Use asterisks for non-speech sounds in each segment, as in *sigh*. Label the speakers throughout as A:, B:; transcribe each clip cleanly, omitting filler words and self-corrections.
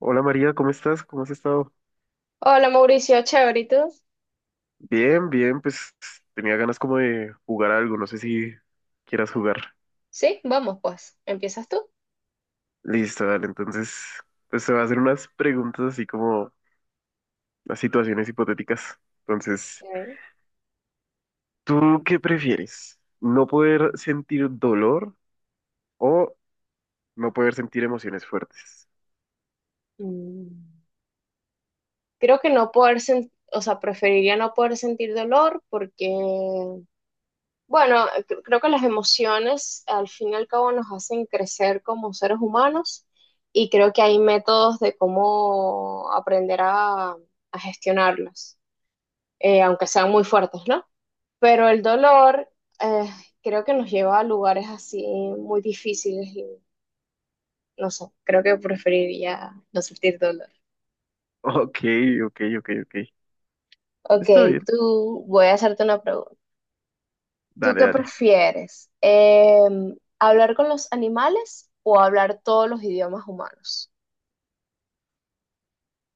A: Hola María, ¿cómo estás? ¿Cómo has estado?
B: Hola Mauricio, chévere, ¿y tú?
A: Bien, bien, pues tenía ganas como de jugar algo, no sé si quieras jugar.
B: Sí, vamos pues, empiezas tú.
A: Listo, dale, entonces, pues te voy a hacer unas preguntas así como las situaciones hipotéticas. Entonces,
B: A ver.
A: ¿tú qué prefieres? ¿No poder sentir dolor o no poder sentir emociones fuertes? *laughs*
B: Mm, Creo que no poder sentir, o sea, preferiría no poder sentir dolor porque, bueno, creo que las emociones al fin y al cabo nos hacen crecer como seres humanos y creo que hay métodos de cómo aprender a gestionarlas, aunque sean muy fuertes, ¿no? Pero el dolor eh, creo que nos lleva a lugares así muy difíciles. No sé, creo que preferiría no sentir dolor.
A: Ok, ok, ok, ok.
B: Ok,
A: Está bien,
B: tú, voy a hacerte una pregunta. ¿Tú
A: dale,
B: qué
A: dale.
B: prefieres? ¿Hablar con los animales o hablar todos los idiomas humanos?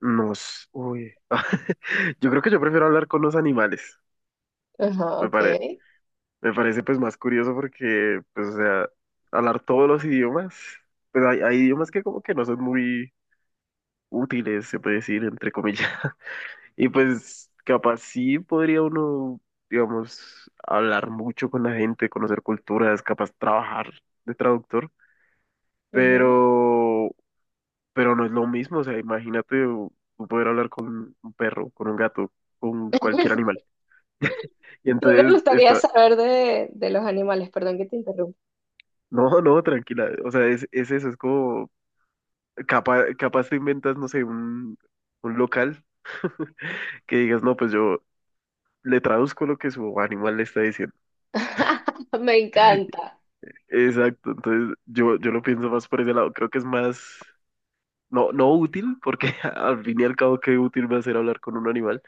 A: Uy. *laughs* Yo creo que yo prefiero hablar con los animales,
B: Ajá,
A: me parece.
B: ok.
A: Me parece pues más curioso porque, pues, o sea, hablar todos los idiomas, pues hay idiomas que como que no son muy útiles, se puede decir, entre comillas. *laughs* Y pues capaz sí podría uno, digamos, hablar mucho con la gente, conocer culturas, capaz trabajar de traductor,
B: Ujú.
A: pero, pero no es lo mismo, o sea, imagínate tú poder hablar con un perro, con un gato, con cualquier
B: *laughs*
A: animal. Y
B: ¿Qué te
A: entonces
B: gustaría
A: está,
B: saber de los animales? Perdón que te interrumpa.
A: no, no, tranquila, o sea, es eso, es como Capaz te inventas, no sé, un local *laughs* que digas, no, pues yo le traduzco lo que su animal le está diciendo.
B: *laughs* Me encanta.
A: Exacto, entonces yo lo pienso más por ese lado, creo que es más, no, no útil, porque *laughs* al fin y al cabo qué útil va a ser hablar con un animal,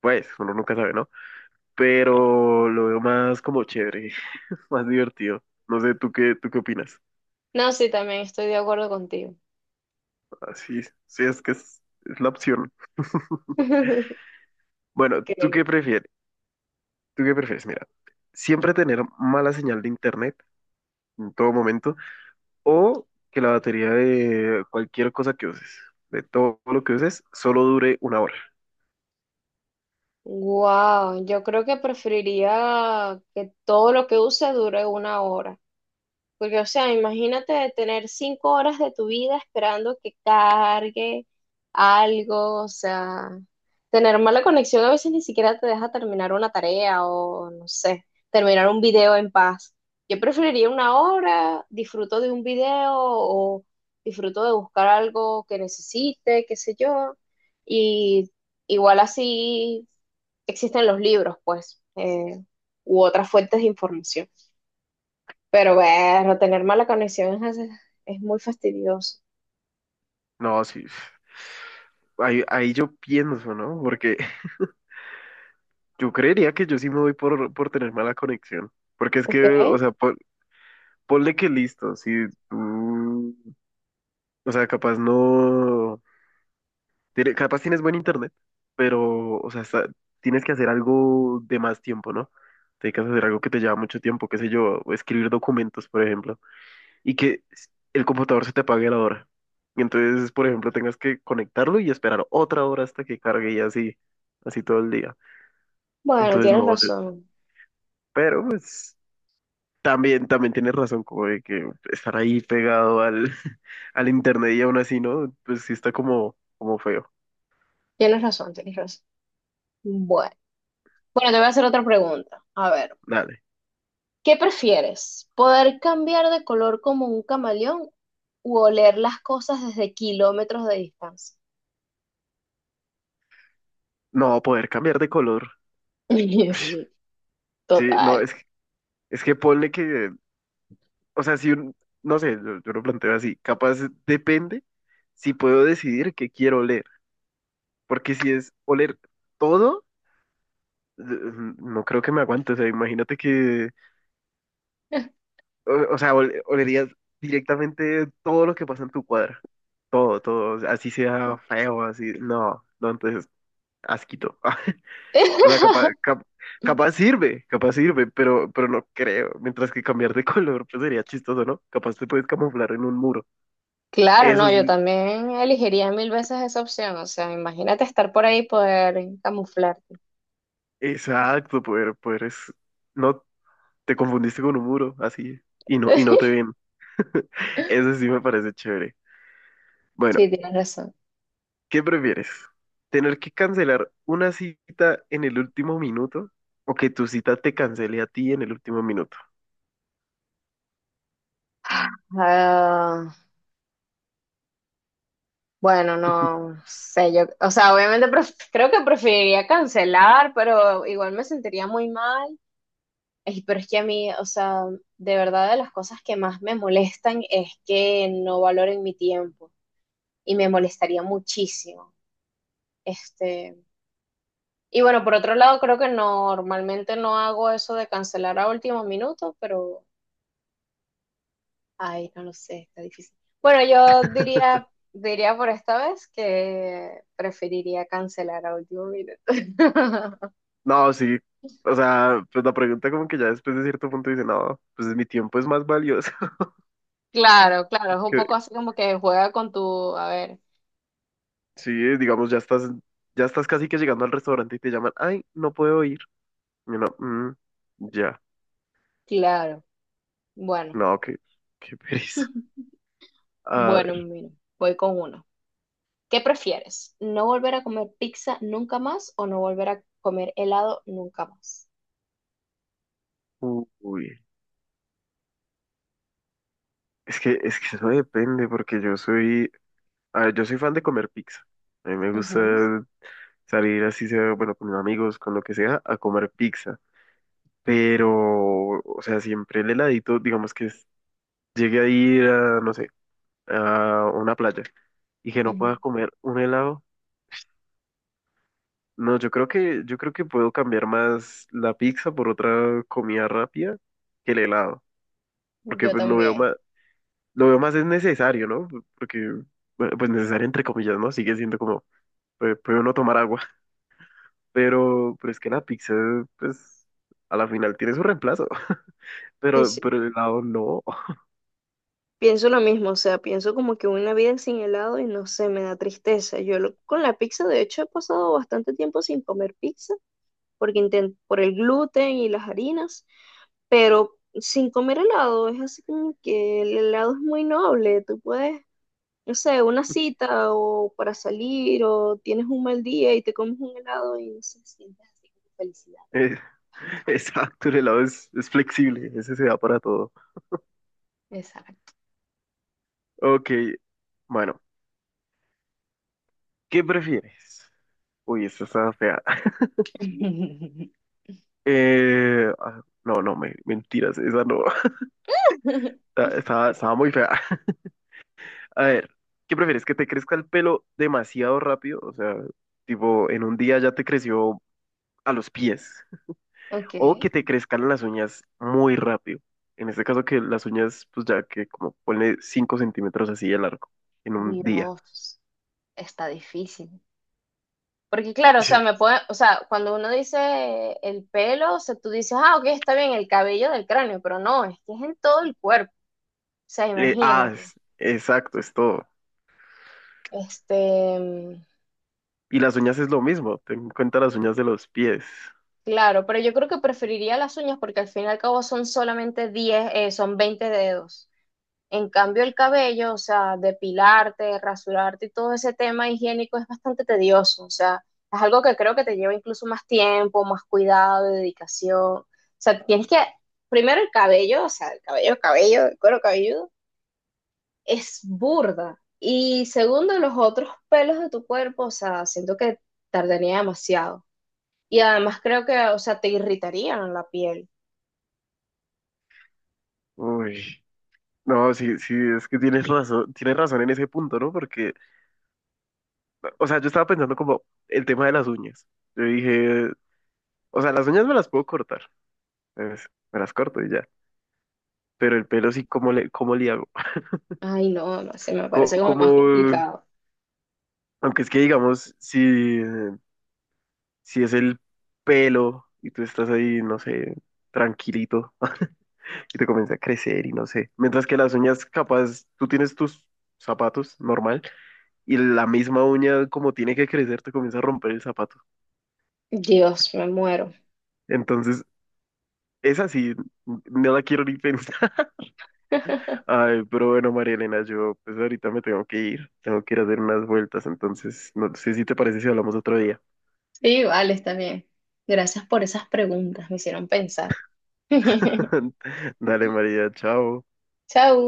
A: pues uno nunca sabe, ¿no? Pero lo veo más como chévere, *laughs* más divertido. No sé, tú qué opinas?
B: No, sí, también estoy de acuerdo contigo.
A: Así, sí, sí, es que es la opción. *laughs*
B: *laughs*
A: Bueno, ¿tú qué
B: Ok.
A: prefieres? ¿Tú qué prefieres? Mira, siempre tener mala señal de internet en todo momento, o que la batería de cualquier cosa que uses, de todo lo que uses, solo dure una hora.
B: Wow, yo creo que preferiría que todo lo que use dure 1 hora. Porque, o sea, imagínate tener 5 horas de tu vida esperando que cargue algo, o sea, tener mala conexión a veces ni siquiera te deja terminar una tarea o, no sé, terminar un video en paz. Yo preferiría 1 hora, disfruto de un video o disfruto de buscar algo que necesite, qué sé yo. Y igual así existen los libros, pues, u otras fuentes de información. Pero bueno, tener mala conexión es muy fastidioso.
A: No, sí. Ahí yo pienso, ¿no? Porque *laughs* yo creería que yo sí me voy por tener mala conexión. Porque es que,
B: ¿Ok?
A: o sea, ponle que listo, si tú, o sea, capaz no, capaz tienes buen internet, pero, o sea, tienes que hacer algo de más tiempo, ¿no? Tienes que hacer algo que te lleva mucho tiempo, qué sé yo, escribir documentos, por ejemplo, y que el computador se te apague a la hora. Y entonces, por ejemplo, tengas que conectarlo y esperar otra hora hasta que cargue y así, así todo el día.
B: Bueno,
A: Entonces,
B: tienes
A: no, yo,
B: razón.
A: pero pues también tienes razón, como de que estar ahí pegado al, *laughs* al internet y aún así, ¿no? Pues sí está como feo.
B: Tienes razón, tienes razón. Bueno. Bueno, te voy a hacer otra pregunta. A ver,
A: Dale.
B: ¿qué prefieres? ¿Poder cambiar de color como un camaleón o oler las cosas desde kilómetros de distancia?
A: No, poder cambiar de color.
B: *laughs* Sí,
A: Sí, no,
B: total.
A: es que ponle que, o sea, si un, no sé, yo lo planteo así, capaz depende si puedo decidir qué quiero leer. Porque si es oler todo, no creo que me aguante. O sea, imagínate que,
B: *laughs*
A: o sea, olerías directamente todo lo que pasa en tu cuadra. Todo, todo. O sea, así sea feo, así. No, no, entonces, asquito. *laughs* O sea, capaz sirve, pero no creo. Mientras que cambiar de *laughs* color, pues sería chistoso, ¿no? Capaz te puedes camuflar en un muro.
B: Claro,
A: Eso
B: no,
A: sí,
B: yo también elegiría mil veces esa opción. O sea, imagínate estar por ahí y poder camuflarte.
A: exacto, poder no, te confundiste con un muro, así, y no te
B: *laughs*
A: ven. Eso sí me parece chévere. Bueno,
B: Sí, tienes razón.
A: ¿qué prefieres? ¿Tener que cancelar una cita en el último minuto o que tu cita te cancele a ti en el último minuto?
B: Ah, bueno, no sé, yo, o sea, obviamente creo que preferiría cancelar, pero igual me sentiría muy mal. Ey, pero es que a mí, o sea, de verdad de las cosas que más me molestan es que no valoren mi tiempo y me molestaría muchísimo. Este, y bueno, por otro lado, creo que normalmente no hago eso de cancelar a último minuto, pero ay, no lo sé, está difícil. Bueno, yo diría,
A: *laughs*
B: diría por esta vez que preferiría cancelar a último minuto. *laughs*
A: No, sí. O sea, pues la pregunta como que ya después de cierto punto dice, no, pues mi tiempo es más valioso. *laughs*
B: Claro, claro, es un
A: Que,
B: poco así como que juega con tu, a ver,
A: sí, digamos, ya estás casi que llegando al restaurante y te llaman, ay, no puedo ir. Y uno, "Mm, ya,
B: claro, bueno,
A: no, qué pereza.
B: *laughs*
A: A
B: bueno,
A: ver,
B: mira, voy con uno. ¿Qué prefieres? ¿No volver a comer pizza nunca más o no volver a comer helado nunca más?
A: uy, es que eso depende porque a ver, yo soy fan de comer pizza. A mí me gusta
B: Ujú,
A: salir así sea, bueno, con mis amigos, con lo que sea, a comer pizza. Pero, o sea, siempre el heladito, digamos que llegue a ir a, no sé, a una playa y que no pueda
B: ujú.
A: comer un helado. No, yo creo que puedo cambiar más la pizza por otra comida rápida que el helado. Porque
B: Yo
A: pues lo veo
B: también.
A: más, lo veo más es necesario, ¿no? Porque, bueno, pues necesario entre comillas, ¿no? Sigue siendo como, pues, puede uno tomar agua. Pero es que la pizza, pues, a la final tiene su reemplazo. *laughs*
B: Sí,
A: Pero,
B: sí.
A: pero el helado no. *laughs*
B: Pienso lo mismo, o sea, pienso como que una vida sin helado y no sé, me da tristeza. Con la pizza, de hecho, he pasado bastante tiempo sin comer pizza porque por el gluten y las harinas, pero sin comer helado es así como que el helado es muy noble. Tú puedes, no sé, una cita o para salir o tienes un mal día y te comes un helado y no sé, sientes así como felicidad.
A: Eh, exacto, el helado es flexible, ese se da para todo.
B: Exacto.
A: Ok, bueno, ¿qué prefieres? Uy, esta está fea. *laughs*
B: *laughs*
A: Ah, no, no, mentiras, esa no. *laughs*
B: *laughs*
A: Estaba muy fea. *laughs* A ver, ¿qué prefieres? ¿Que te crezca el pelo demasiado rápido? O sea, tipo, en un día ya te creció a los pies.
B: Ok,
A: O que te crezcan las uñas muy rápido. En este caso que las uñas, pues ya que como ponle 5 cm así de largo en un día.
B: Dios, está difícil. Porque claro, o
A: Sí.
B: sea, me puede, o sea, cuando uno dice el pelo, o sea, tú dices, ah, ok, está bien, el cabello del cráneo, pero no, es que es en todo el cuerpo. O sea,
A: Eh, ah,
B: imagínate.
A: es- exacto, es todo.
B: Este,
A: Y las uñas es lo mismo, ten en cuenta las uñas de los pies.
B: claro, pero yo creo que preferiría las uñas porque al fin y al cabo son solamente 10, son 20 dedos. En cambio, el cabello, o sea, depilarte, rasurarte y todo ese tema higiénico es bastante tedioso, o sea, es algo que creo que te lleva incluso más tiempo, más cuidado, dedicación. O sea, tienes que, primero el cabello, o sea, el cabello, cabello, el cuero cabelludo, es burda. Y segundo, los otros pelos de tu cuerpo, o sea, siento que tardaría demasiado. Y además creo que, o sea, te irritarían la piel.
A: Uy. No, sí, sí, es que tienes razón en ese punto, ¿no? Porque, o sea, yo estaba pensando como el tema de las uñas. Yo dije, o sea, las uñas me las puedo cortar, pues, me las corto y ya. Pero el pelo sí, ¿cómo le hago?
B: Ay, no, no sé, me
A: *laughs*
B: parece como más
A: ¿Cómo,
B: complicado.
A: aunque es que digamos, si es el pelo y tú estás ahí, no sé, tranquilito *laughs* y te comienza a crecer y no sé. Mientras que las uñas, capaz, tú tienes tus zapatos normal y la misma uña como tiene que crecer te comienza a romper el zapato.
B: Dios, me muero.
A: Entonces, es así, no la quiero ni pensar. *laughs*
B: *laughs*
A: Ay, pero bueno, María Elena, yo pues ahorita me tengo que ir a hacer unas vueltas, entonces no sé si te parece si hablamos otro día.
B: Sí, vale, está bien. Gracias por esas preguntas, me hicieron pensar. *laughs*
A: *laughs* Dale, María, chao.
B: Chau.